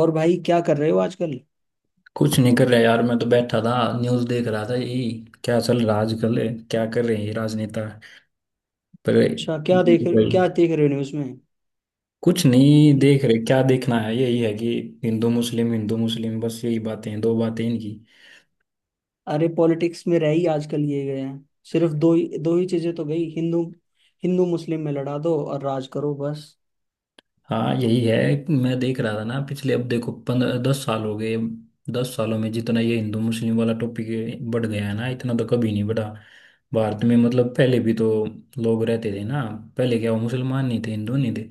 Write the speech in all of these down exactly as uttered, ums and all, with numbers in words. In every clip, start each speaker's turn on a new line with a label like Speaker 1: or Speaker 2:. Speaker 1: और भाई क्या कर रहे हो आजकल?
Speaker 2: कुछ नहीं कर रहा यार, मैं तो बैठा था। न्यूज़ देख रहा था यही। क्या चल रहा है आजकल है, क्या कर रहे हैं ये राजनेता? पर
Speaker 1: अच्छा, क्या
Speaker 2: ये
Speaker 1: देख
Speaker 2: तो भाई
Speaker 1: क्या देख रहे हो न्यूज में?
Speaker 2: कुछ नहीं देख रहे, क्या देखना है? यही है कि हिंदू मुस्लिम, हिंदू मुस्लिम, बस यही बातें हैं, दो बातें इनकी।
Speaker 1: अरे, पॉलिटिक्स में रह ही आजकल ये गए हैं, सिर्फ दो ही दो ही चीजें तो, गई हिंदू। हिंदू मुस्लिम में लड़ा दो और राज करो, बस।
Speaker 2: हाँ यही है। मैं देख रहा था ना पिछले, अब देखो पंद्रह दस साल हो गए। दस सालों में जितना ये हिंदू मुस्लिम वाला टॉपिक बढ़ गया है ना, इतना तो कभी नहीं बढ़ा भारत में। मतलब पहले भी तो लोग रहते थे ना, पहले क्या वो मुसलमान नहीं थे, हिंदू नहीं थे?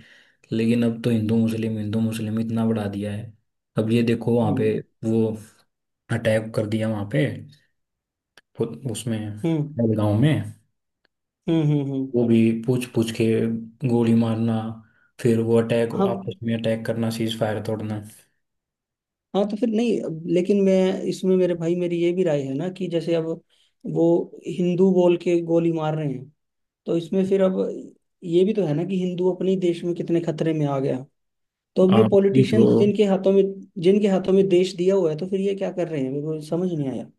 Speaker 2: लेकिन अब तो हिंदू मुस्लिम, हिंदू मुस्लिम इतना बढ़ा दिया है। अब ये देखो वहाँ पे
Speaker 1: हम्म।
Speaker 2: वो अटैक कर दिया वहाँ पे उ- उसमें
Speaker 1: हम्म।
Speaker 2: गांव में।
Speaker 1: हम्म। हम्म। हम्म।
Speaker 2: वो भी पूछ पूछ के गोली मारना, फिर वो अटैक,
Speaker 1: हाँ।
Speaker 2: आपस में अटैक करना, सीज फायर तोड़ना।
Speaker 1: हाँ, तो फिर नहीं अब- लेकिन मैं इसमें, मेरे भाई, मेरी ये भी राय है ना कि जैसे अब वो हिंदू बोल के गोली मार रहे हैं, तो इसमें फिर अब ये भी तो है ना कि हिंदू अपने ही देश में कितने खतरे में आ गया। तो अब ये
Speaker 2: हाँ यही तो।
Speaker 1: पॉलिटिशियंस जिनके हाथों में जिनके हाथों में देश दिया हुआ है, तो फिर ये क्या कर रहे हैं, मेरे को समझ नहीं आया।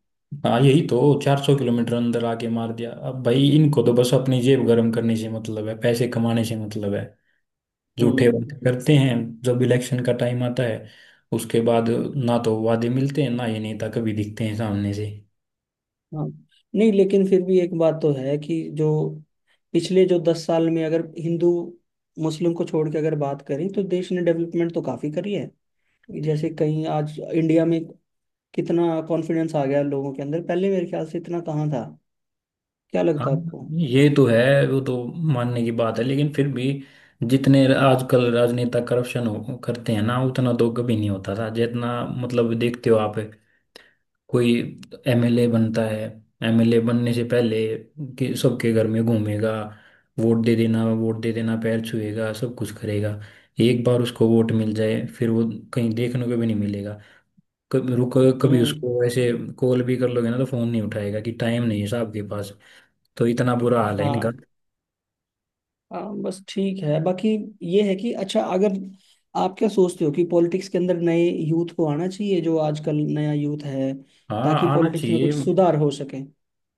Speaker 2: हाँ यही तो, चार सौ किलोमीटर अंदर आके मार दिया। अब भाई इनको तो बस अपनी जेब गर्म करने से मतलब है, पैसे कमाने से मतलब है। झूठे वादे
Speaker 1: हम्म।
Speaker 2: करते हैं जब इलेक्शन का टाइम आता है, उसके बाद ना तो वादे मिलते हैं ना ये नेता कभी दिखते हैं सामने से।
Speaker 1: हाँ, नहीं, लेकिन फिर भी एक बात तो है कि जो पिछले जो दस साल में अगर हिंदू मुस्लिम को छोड़ के अगर बात करें, तो देश ने डेवलपमेंट तो काफी करी है। जैसे कहीं आज इंडिया में कितना कॉन्फिडेंस आ गया लोगों के अंदर, पहले मेरे ख्याल से इतना कहाँ था। क्या
Speaker 2: हाँ
Speaker 1: लगता है आपको?
Speaker 2: ये तो है, वो तो मानने की बात है, लेकिन फिर भी जितने आजकल राजनेता करप्शन करते हैं ना, उतना तो कभी नहीं होता था जितना मतलब देखते हो आप। कोई एमएलए बनता है, एमएलए बनने से पहले कि सबके घर में घूमेगा, वोट दे देना वोट दे देना, पैर छुएगा, सब कुछ करेगा। एक बार उसको वोट मिल जाए फिर वो कहीं देखने को भी नहीं मिलेगा। कभी रुक, कभी
Speaker 1: हम्म।
Speaker 2: उसको ऐसे कॉल भी कर लोगे ना तो फोन नहीं उठाएगा कि टाइम नहीं है साहब के पास। तो इतना बुरा हाल है
Speaker 1: हाँ।
Speaker 2: इनका।
Speaker 1: हाँ, बस ठीक है। बाकी ये है कि अच्छा, अगर आप क्या सोचते हो कि पॉलिटिक्स के अंदर नए यूथ को आना चाहिए, जो आजकल नया यूथ है,
Speaker 2: हाँ
Speaker 1: ताकि
Speaker 2: आना
Speaker 1: पॉलिटिक्स में
Speaker 2: चाहिए।
Speaker 1: कुछ सुधार हो सके।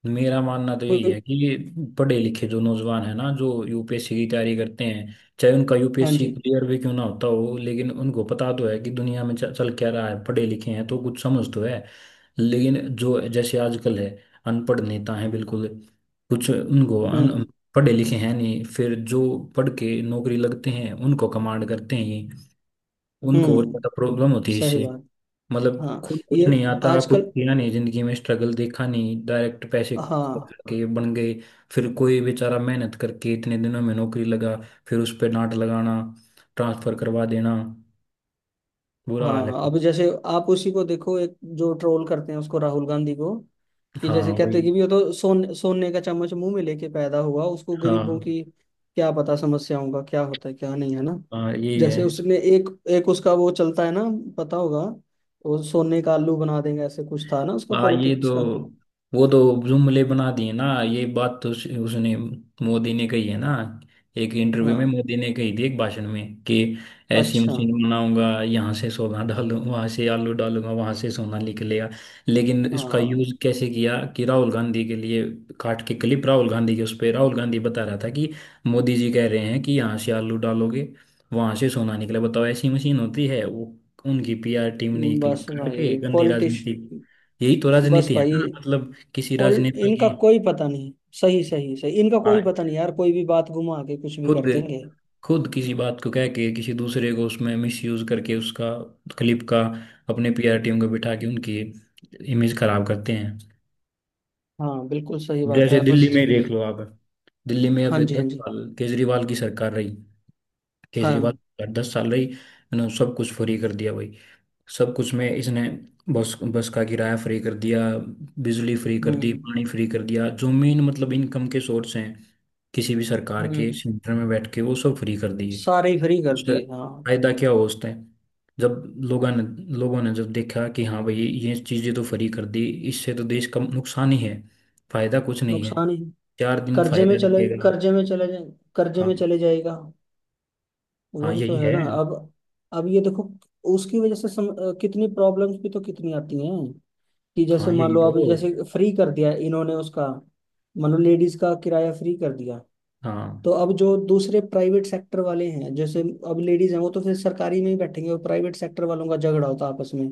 Speaker 2: मेरा मानना तो यही
Speaker 1: कोई।
Speaker 2: है कि पढ़े लिखे जो नौजवान है ना जो यूपीएससी की तैयारी करते हैं, चाहे उनका
Speaker 1: हाँ
Speaker 2: यूपीएससी
Speaker 1: जी।
Speaker 2: क्लियर भी क्यों ना होता हो, लेकिन उनको पता तो है कि दुनिया में च- चल क्या रहा है, पढ़े लिखे हैं तो कुछ समझ तो है। लेकिन जो जैसे आजकल है, अनपढ़ नेता हैं बिल्कुल। कुछ उनको अन,
Speaker 1: हम्म।
Speaker 2: पढ़े लिखे हैं नहीं, फिर जो पढ़ के नौकरी लगते हैं उनको कमांड करते हैं। उनको और
Speaker 1: हम्म।
Speaker 2: ज्यादा प्रॉब्लम होती है
Speaker 1: सही
Speaker 2: इससे।
Speaker 1: बात।
Speaker 2: मतलब
Speaker 1: हाँ,
Speaker 2: खुद कुछ
Speaker 1: ये
Speaker 2: नहीं आता, कुछ
Speaker 1: आजकल।
Speaker 2: किया नहीं, जिंदगी में स्ट्रगल देखा नहीं, डायरेक्ट पैसे खा
Speaker 1: हाँ।
Speaker 2: के बन गए। फिर कोई बेचारा मेहनत करके इतने दिनों में नौकरी लगा, फिर उस पे डांट लगाना, ट्रांसफर करवा देना। बुरा हाल
Speaker 1: हाँ,
Speaker 2: है।
Speaker 1: अब जैसे आप उसी को देखो, एक जो ट्रोल करते हैं उसको, राहुल गांधी को, कि जैसे
Speaker 2: हाँ
Speaker 1: कहते हैं
Speaker 2: वही।
Speaker 1: कि भी वो तो सोन सोने का चम्मच मुंह में लेके पैदा हुआ, उसको गरीबों
Speaker 2: हाँ।
Speaker 1: की क्या पता समस्याओं का, क्या होता है क्या नहीं, है ना।
Speaker 2: हाँ यही है।
Speaker 1: जैसे उसने एक एक, उसका वो चलता है ना, पता होगा, वो सोने का आलू बना देंगे, ऐसे कुछ था ना उसका
Speaker 2: हाँ ये
Speaker 1: पॉलिटिक्स
Speaker 2: तो,
Speaker 1: का।
Speaker 2: वो तो जुमले बना दिए ना। ये बात तो उस, उसने, मोदी ने कही है ना। एक इंटरव्यू में
Speaker 1: हाँ।
Speaker 2: मोदी ने कही थी, एक भाषण में, कि ऐसी
Speaker 1: अच्छा।
Speaker 2: मशीन बनाऊंगा यहाँ से सोना डालू, वहां से आलू डालूंगा, वहां से सोना निकलेगा। लेकिन इसका
Speaker 1: हाँ।
Speaker 2: यूज कैसे किया कि राहुल गांधी के लिए, काट के क्लिप राहुल गांधी के, उस पे राहुल गांधी बता रहा था कि मोदी जी कह रहे हैं कि यहाँ से आलू डालोगे वहां से सोना निकले, बताओ ऐसी मशीन होती है वो। उनकी पीआर टीम ने क्लिप
Speaker 1: बस
Speaker 2: काट के
Speaker 1: भाई
Speaker 2: गंदी
Speaker 1: पॉलिटिश
Speaker 2: राजनीति। यही तो
Speaker 1: बस
Speaker 2: राजनीति है
Speaker 1: भाई,
Speaker 2: ना मतलब किसी
Speaker 1: और
Speaker 2: राजनेता
Speaker 1: इनका
Speaker 2: की।
Speaker 1: कोई पता नहीं। सही, सही, सही, इनका
Speaker 2: हाँ,
Speaker 1: कोई पता नहीं यार, कोई भी बात घुमा के कुछ भी
Speaker 2: खुद
Speaker 1: कर देंगे।
Speaker 2: खुद किसी बात को कह के किसी दूसरे को उसमें मिसयूज करके उसका क्लिप का, अपने पीआर टीम को बिठा के उनकी इमेज खराब करते हैं।
Speaker 1: हाँ, बिल्कुल सही बात
Speaker 2: जैसे
Speaker 1: है।
Speaker 2: दिल्ली
Speaker 1: बस।
Speaker 2: में ही देख लो आप, दिल्ली में अब
Speaker 1: हाँ जी, हाँ
Speaker 2: दस
Speaker 1: जी।
Speaker 2: साल केजरीवाल की सरकार रही। केजरीवाल
Speaker 1: हाँ।
Speaker 2: की सरकार दस साल रही, इन्होंने सब कुछ फ्री कर दिया भाई। सब कुछ में इसने बस, बस का किराया फ्री कर दिया, बिजली फ्री कर दी,
Speaker 1: हम्म।
Speaker 2: पानी फ्री कर दिया, जो मेन मतलब इनकम के सोर्स हैं किसी भी सरकार के,
Speaker 1: हम्म।
Speaker 2: सेंटर में बैठ के वो सब फ्री कर दिए।
Speaker 1: सारे ही फ्री कर
Speaker 2: उससे
Speaker 1: दिए, हाँ।
Speaker 2: फायदा क्या हो उस टाइम, जब लोगों ने, लोगों ने जब देखा कि हाँ भाई ये चीज़ें तो फ्री कर दी, इससे तो देश का नुकसान ही है, फायदा कुछ नहीं है,
Speaker 1: नुकसान ही।
Speaker 2: चार दिन
Speaker 1: कर्जे में
Speaker 2: फायदा
Speaker 1: चले
Speaker 2: दिखेगा।
Speaker 1: कर्जे में चले जाए कर्जे
Speaker 2: हाँ।
Speaker 1: में चले जाएगा।
Speaker 2: हाँ
Speaker 1: वही तो
Speaker 2: यही
Speaker 1: है
Speaker 2: है।
Speaker 1: ना अब। अब ये देखो, उसकी वजह से सम, अ, कितनी प्रॉब्लम्स भी तो कितनी आती हैं, कि जैसे
Speaker 2: हाँ
Speaker 1: मान
Speaker 2: यही
Speaker 1: लो
Speaker 2: तो।
Speaker 1: अब जैसे फ्री कर दिया इन्होंने उसका, मान लो लेडीज का किराया फ्री कर दिया,
Speaker 2: हाँ
Speaker 1: तो अब जो दूसरे प्राइवेट सेक्टर वाले हैं, जैसे अब लेडीज हैं वो तो फिर सरकारी में ही बैठेंगे, और प्राइवेट सेक्टर वालों का झगड़ा होता है आपस में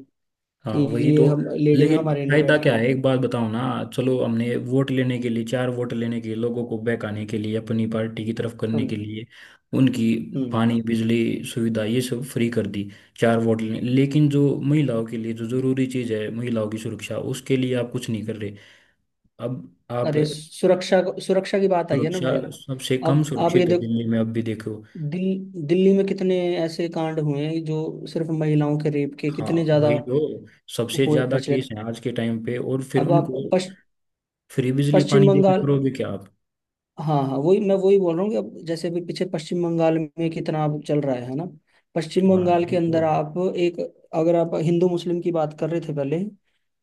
Speaker 2: हाँ
Speaker 1: कि
Speaker 2: वही तो।
Speaker 1: ये हम, लेडीज
Speaker 2: लेकिन
Speaker 1: हमारे नहीं
Speaker 2: फायदा क्या
Speaker 1: बैठती।
Speaker 2: है, एक बात बताओ ना। चलो हमने वोट लेने के लिए, चार वोट लेने के लिए, लोगों को बहकाने के लिए, अपनी पार्टी की तरफ करने के
Speaker 1: हम
Speaker 2: लिए उनकी
Speaker 1: हम्म।
Speaker 2: पानी बिजली सुविधा ये सब फ्री कर दी, चार वोट लेने। लेकिन जो महिलाओं के लिए जो जरूरी चीज़ है, महिलाओं की सुरक्षा, उसके लिए आप कुछ नहीं कर रहे। अब आप,
Speaker 1: अरे सुरक्षा, सुरक्षा की बात आई है ना
Speaker 2: सुरक्षा
Speaker 1: भाई।
Speaker 2: सबसे कम
Speaker 1: अब आप ये
Speaker 2: सुरक्षित है
Speaker 1: देख,
Speaker 2: दिल्ली में, अब भी देखो।
Speaker 1: दिल, दिल्ली में कितने ऐसे कांड हुए हैं, जो सिर्फ महिलाओं के रेप के,
Speaker 2: हाँ
Speaker 1: कितने ज्यादा
Speaker 2: वही तो, सबसे
Speaker 1: हुए
Speaker 2: ज्यादा केस
Speaker 1: प्रचलित।
Speaker 2: है आज के टाइम पे। और फिर
Speaker 1: अब आप
Speaker 2: उनको
Speaker 1: पश,
Speaker 2: फ्री बिजली
Speaker 1: पश्चिम
Speaker 2: पानी देने
Speaker 1: बंगाल।
Speaker 2: करोगे क्या आप?
Speaker 1: हाँ, हाँ, वही मैं वही बोल रहा हूँ कि अब जैसे अभी पीछे पश्चिम बंगाल में कितना अब चल रहा है है ना। पश्चिम
Speaker 2: हाँ
Speaker 1: बंगाल
Speaker 2: यही
Speaker 1: के
Speaker 2: तो।
Speaker 1: अंदर आप एक अगर आप हिंदू मुस्लिम की बात कर रहे थे पहले,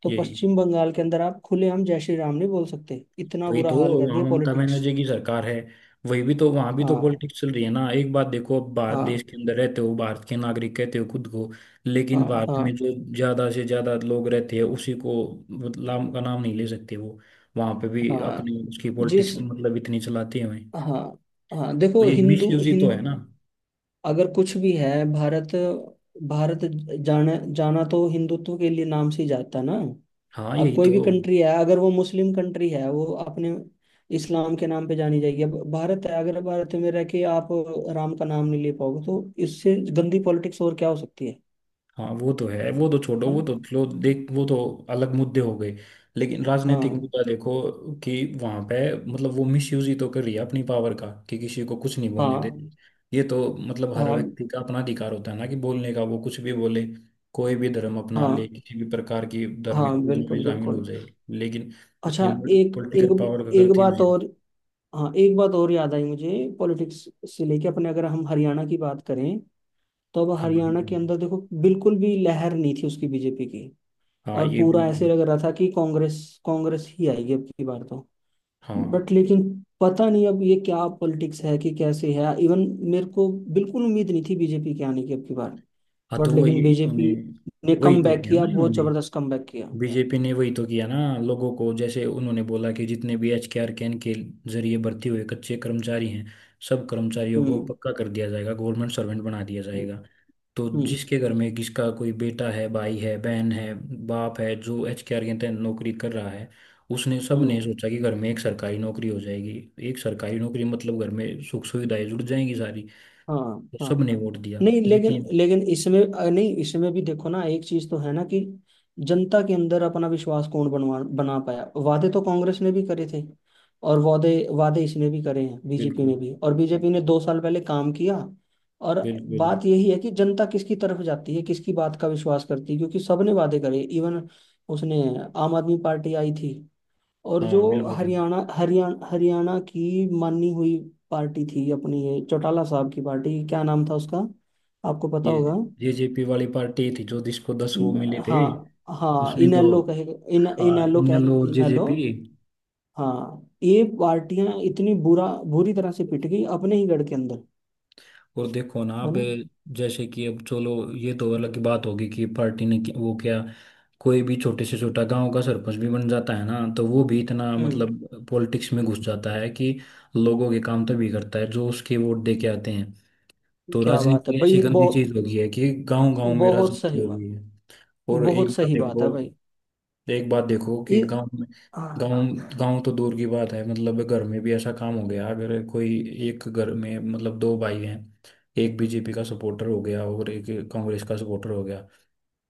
Speaker 1: तो
Speaker 2: यही
Speaker 1: पश्चिम बंगाल के अंदर आप खुलेआम जय श्री राम नहीं बोल सकते, इतना
Speaker 2: वही
Speaker 1: बुरा
Speaker 2: तो,
Speaker 1: हाल कर
Speaker 2: आम
Speaker 1: दिया
Speaker 2: ममता
Speaker 1: पॉलिटिक्स।
Speaker 2: बनर्जी की सरकार है, वही भी तो, वहां भी तो
Speaker 1: हाँ,
Speaker 2: पॉलिटिक्स चल रही है ना। एक बात देखो, अब भारत देश
Speaker 1: हाँ,
Speaker 2: के अंदर रहते हो, भारत के नागरिक कहते हो खुद को,
Speaker 1: हाँ,
Speaker 2: लेकिन भारत में
Speaker 1: हाँ,
Speaker 2: जो ज्यादा से ज्यादा लोग रहते हैं उसी को नाम का नाम नहीं ले सकते वो, वहां पे भी
Speaker 1: हाँ।
Speaker 2: अपनी उसकी पॉलिटिक्स
Speaker 1: जिस
Speaker 2: मतलब इतनी चलाते हुए।
Speaker 1: हाँ, हाँ,
Speaker 2: तो
Speaker 1: देखो
Speaker 2: ये
Speaker 1: हिंदू
Speaker 2: मिस यूज ही तो है
Speaker 1: हिंद
Speaker 2: ना।
Speaker 1: अगर कुछ भी है भारत भारत जाना जाना तो हिंदुत्व के लिए नाम से ही जाता है ना।
Speaker 2: हाँ
Speaker 1: अब
Speaker 2: यही
Speaker 1: कोई
Speaker 2: तो।
Speaker 1: भी कंट्री है, अगर वो मुस्लिम कंट्री है, वो अपने इस्लाम के नाम पे जानी जाएगी। अब भारत है, अगर भारत में रह के आप राम का नाम नहीं ले पाओगे, तो इससे गंदी पॉलिटिक्स और क्या हो सकती है
Speaker 2: हाँ वो तो है, वो तो छोड़ो,
Speaker 1: है
Speaker 2: वो
Speaker 1: ना।
Speaker 2: तो लो देख, वो तो अलग मुद्दे हो गए। लेकिन राजनीतिक
Speaker 1: हाँ,
Speaker 2: मुद्दा देखो कि वहां पे मतलब वो मिसयूज ही तो कर रही है अपनी पावर का कि किसी को कुछ नहीं बोलने
Speaker 1: हाँ,
Speaker 2: देती। ये तो, मतलब हर
Speaker 1: हाँ,
Speaker 2: व्यक्ति का अपना अधिकार होता है ना कि बोलने का, वो कुछ भी बोले, कोई भी धर्म अपना ले,
Speaker 1: हाँ,
Speaker 2: किसी भी प्रकार की
Speaker 1: हाँ,
Speaker 2: धार्मिक पूजा में
Speaker 1: बिल्कुल,
Speaker 2: शामिल हो
Speaker 1: बिल्कुल।
Speaker 2: जाए, लेकिन
Speaker 1: अच्छा,
Speaker 2: ये
Speaker 1: एक एक
Speaker 2: पॉलिटिकल पावर का
Speaker 1: एक
Speaker 2: गलत यूज
Speaker 1: बात
Speaker 2: है।
Speaker 1: और। हाँ, एक बात और याद आई मुझे। पॉलिटिक्स से लेके अपने, अगर हम हरियाणा की बात करें, तो अब
Speaker 2: हाँ।
Speaker 1: हरियाणा के अंदर देखो, बिल्कुल भी लहर नहीं थी उसकी, बीजेपी की।
Speaker 2: हाँ
Speaker 1: और
Speaker 2: ये
Speaker 1: पूरा ऐसे
Speaker 2: बिल्कुल।
Speaker 1: लग रहा था कि कांग्रेस कांग्रेस ही आएगी अब की बार तो।
Speaker 2: हाँ
Speaker 1: बट लेकिन पता नहीं अब ये क्या पॉलिटिक्स है कि कैसे है, इवन मेरे को बिल्कुल उम्मीद नहीं थी बीजेपी के आने की अब की बार।
Speaker 2: हाँ
Speaker 1: बट
Speaker 2: तो वही
Speaker 1: लेकिन
Speaker 2: इन्होंने,
Speaker 1: बीजेपी ने
Speaker 2: वही
Speaker 1: कम
Speaker 2: तो
Speaker 1: बैक
Speaker 2: किया
Speaker 1: किया,
Speaker 2: ना
Speaker 1: बहुत
Speaker 2: इन्होंने।
Speaker 1: जबरदस्त कम बैक किया।
Speaker 2: बीजेपी ने वही तो किया ना लोगों को, जैसे उन्होंने बोला कि जितने भी एच के आर कैन के जरिए भर्ती हुए कच्चे कर्मचारी हैं, सब कर्मचारियों को
Speaker 1: हम्म।
Speaker 2: पक्का कर दिया जाएगा, गवर्नमेंट सर्वेंट बना दिया जाएगा। तो
Speaker 1: हम्म।
Speaker 2: जिसके घर में किसका कोई बेटा है, भाई है, बहन है, बाप है, जो एच के आर के तहत नौकरी कर रहा है, उसने सब ने
Speaker 1: हम्म।
Speaker 2: सोचा कि घर में एक सरकारी नौकरी हो जाएगी। एक सरकारी नौकरी मतलब घर में सुख सुविधाएं जुड़ जाएंगी सारी,
Speaker 1: हाँ।
Speaker 2: तो सब
Speaker 1: हाँ,
Speaker 2: ने वोट दिया
Speaker 1: नहीं, लेकिन
Speaker 2: लेकिन।
Speaker 1: लेकिन इसमें अ, नहीं, इसमें भी देखो ना, एक चीज तो है ना कि जनता के अंदर अपना विश्वास कौन बनवा बना पाया। वादे तो कांग्रेस ने भी करे थे, और वादे वादे इसने भी करे हैं, बीजेपी ने
Speaker 2: बिल्कुल।
Speaker 1: भी, और बीजेपी ने दो साल पहले काम किया, और
Speaker 2: बिल्कुल।
Speaker 1: बात यही है कि जनता किसकी तरफ जाती है, किसकी बात का विश्वास करती है, क्योंकि सबने वादे करे। इवन उसने आम आदमी पार्टी आई थी, और जो
Speaker 2: हाँ बिल्कुल।
Speaker 1: हरियाणा हरियाणा हरियाणा की मानी हुई पार्टी थी अपनी, ये चौटाला साहब की पार्टी, क्या नाम था उसका, आपको पता
Speaker 2: ये
Speaker 1: होगा।
Speaker 2: जेजेपी वाली पार्टी थी, जो जिसको दस वो मिले
Speaker 1: न-
Speaker 2: थे,
Speaker 1: हाँ, हाँ,
Speaker 2: उसने तो,
Speaker 1: इनेलो कहे। इन
Speaker 2: हाँ
Speaker 1: इनेलो कह
Speaker 2: इनेलो और
Speaker 1: इनेलो।
Speaker 2: जेजेपी।
Speaker 1: हाँ, ये पार्टियां इतनी बुरा बुरी तरह से पिट गई अपने ही गढ़ के अंदर,
Speaker 2: और देखो ना
Speaker 1: है
Speaker 2: अब,
Speaker 1: ना।
Speaker 2: जैसे कि अब चलो, ये तो अलग की बात होगी कि पार्टी ने कि- वो क्या, कोई भी छोटे से छोटा गांव का सरपंच भी बन जाता है ना तो वो भी इतना
Speaker 1: हम्म।
Speaker 2: मतलब पॉलिटिक्स में घुस जाता है कि लोगों के काम तो भी करता है जो उसके वोट दे के आते हैं। तो
Speaker 1: क्या बात है
Speaker 2: राजनीति ऐसी
Speaker 1: भाई,
Speaker 2: गंदी
Speaker 1: बहुत
Speaker 2: चीज हो गई है कि गांव गांव में
Speaker 1: बहुत
Speaker 2: राजनीति
Speaker 1: सही
Speaker 2: हो
Speaker 1: बात,
Speaker 2: गई है। और एक
Speaker 1: बहुत
Speaker 2: बात
Speaker 1: सही बात है
Speaker 2: देखो,
Speaker 1: भाई।
Speaker 2: तो एक बात देखो कि
Speaker 1: ये।
Speaker 2: गांव में,
Speaker 1: हाँ,
Speaker 2: गांव गांव तो दूर की बात है, मतलब घर में भी ऐसा काम हो गया। अगर कोई एक घर में मतलब दो भाई हैं, एक बीजेपी का सपोर्टर हो गया और एक कांग्रेस का सपोर्टर हो गया,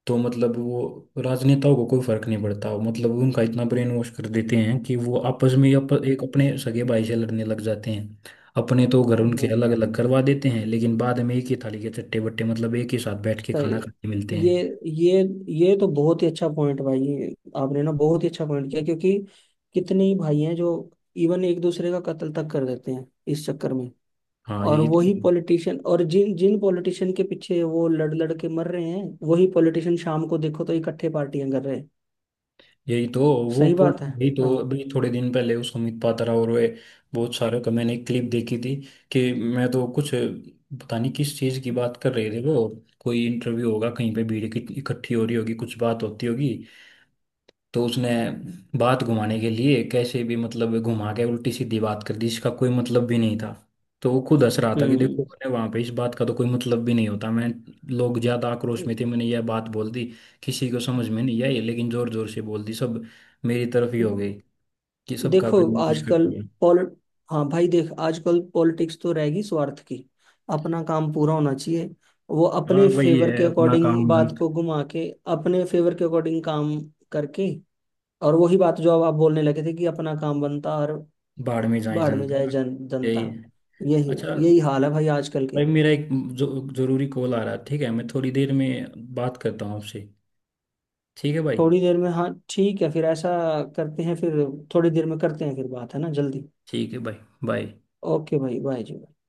Speaker 2: तो मतलब वो राजनेताओं को कोई फर्क नहीं पड़ता, मतलब उनका इतना ब्रेन वॉश कर देते हैं कि वो आपस में ही अप,
Speaker 1: हाँ,
Speaker 2: एक अपने सगे भाई से लड़ने लग जाते हैं। अपने तो घर उनके
Speaker 1: हाँ,
Speaker 2: अलग अलग करवा देते हैं, लेकिन बाद में एक ही थाली के चट्टे बट्टे, मतलब एक ही साथ बैठ के
Speaker 1: सही
Speaker 2: खाना
Speaker 1: है।
Speaker 2: खाते मिलते
Speaker 1: ये
Speaker 2: हैं।
Speaker 1: ये ये तो बहुत ही अच्छा पॉइंट भाई। ये, आपने ना बहुत ही अच्छा पॉइंट किया, क्योंकि कितने ही भाई हैं जो इवन एक दूसरे का कत्ल तक कर देते हैं इस चक्कर में।
Speaker 2: हाँ
Speaker 1: और
Speaker 2: यही
Speaker 1: वही
Speaker 2: तो।
Speaker 1: पॉलिटिशियन, और जिन जिन पॉलिटिशियन के पीछे वो लड़ लड़ के मर रहे हैं, वही पॉलिटिशियन शाम को देखो तो इकट्ठे पार्टियां कर रहे हैं।
Speaker 2: यही तो। वो
Speaker 1: सही
Speaker 2: पुल
Speaker 1: बात है।
Speaker 2: यही तो,
Speaker 1: हाँ।
Speaker 2: अभी थोड़े दिन पहले उस अमित पात्रा और वे बहुत सारे का मैंने क्लिप देखी थी कि, मैं तो कुछ पता नहीं किस चीज़ की बात कर रहे थे वो। कोई इंटरव्यू होगा कहीं पे, भीड़ इकट्ठी इकट्ठी हो रही होगी, कुछ बात होती होगी। तो उसने बात घुमाने के लिए कैसे भी मतलब घुमा के उल्टी सीधी बात कर दी, इसका कोई मतलब भी नहीं था। तो वो खुद हंस रहा था कि देखो मैंने वहां पे इस बात का तो कोई मतलब भी नहीं होता, मैं, लोग ज्यादा आक्रोश में थे मैंने यह बात बोल दी, किसी को समझ में नहीं आई, लेकिन जोर जोर से बोल दी, सब मेरी तरफ ही
Speaker 1: हम्म।
Speaker 2: हो गई, कि सबका
Speaker 1: देखो
Speaker 2: प्रेम कुछ कर
Speaker 1: आजकल
Speaker 2: दिया।
Speaker 1: पॉल हाँ भाई, देख, आजकल पॉलिटिक्स तो रहेगी स्वार्थ की, अपना काम पूरा होना चाहिए। वो
Speaker 2: हाँ
Speaker 1: अपने
Speaker 2: वही
Speaker 1: फेवर
Speaker 2: है,
Speaker 1: के
Speaker 2: अपना
Speaker 1: अकॉर्डिंग
Speaker 2: काम, जन,
Speaker 1: बात को घुमा के, अपने फेवर के अकॉर्डिंग काम करके, और वही बात जो अब आप बोलने लगे थे कि अपना काम बनता, और
Speaker 2: बाढ़ में जाए
Speaker 1: बाढ़ में जाए
Speaker 2: जनता।
Speaker 1: जन जनता।
Speaker 2: यही है।
Speaker 1: यही
Speaker 2: अच्छा
Speaker 1: यही हाल है भाई आजकल
Speaker 2: भाई
Speaker 1: के।
Speaker 2: मेरा एक जो, जरूरी कॉल आ रहा है, ठीक है, मैं थोड़ी देर में बात करता हूँ आपसे। ठीक है भाई।
Speaker 1: थोड़ी देर में, हाँ, ठीक है, फिर ऐसा करते हैं फिर, थोड़ी देर में करते हैं फिर, बात, है ना, जल्दी।
Speaker 2: ठीक है भाई, बाय।
Speaker 1: ओके भाई, बाय जी।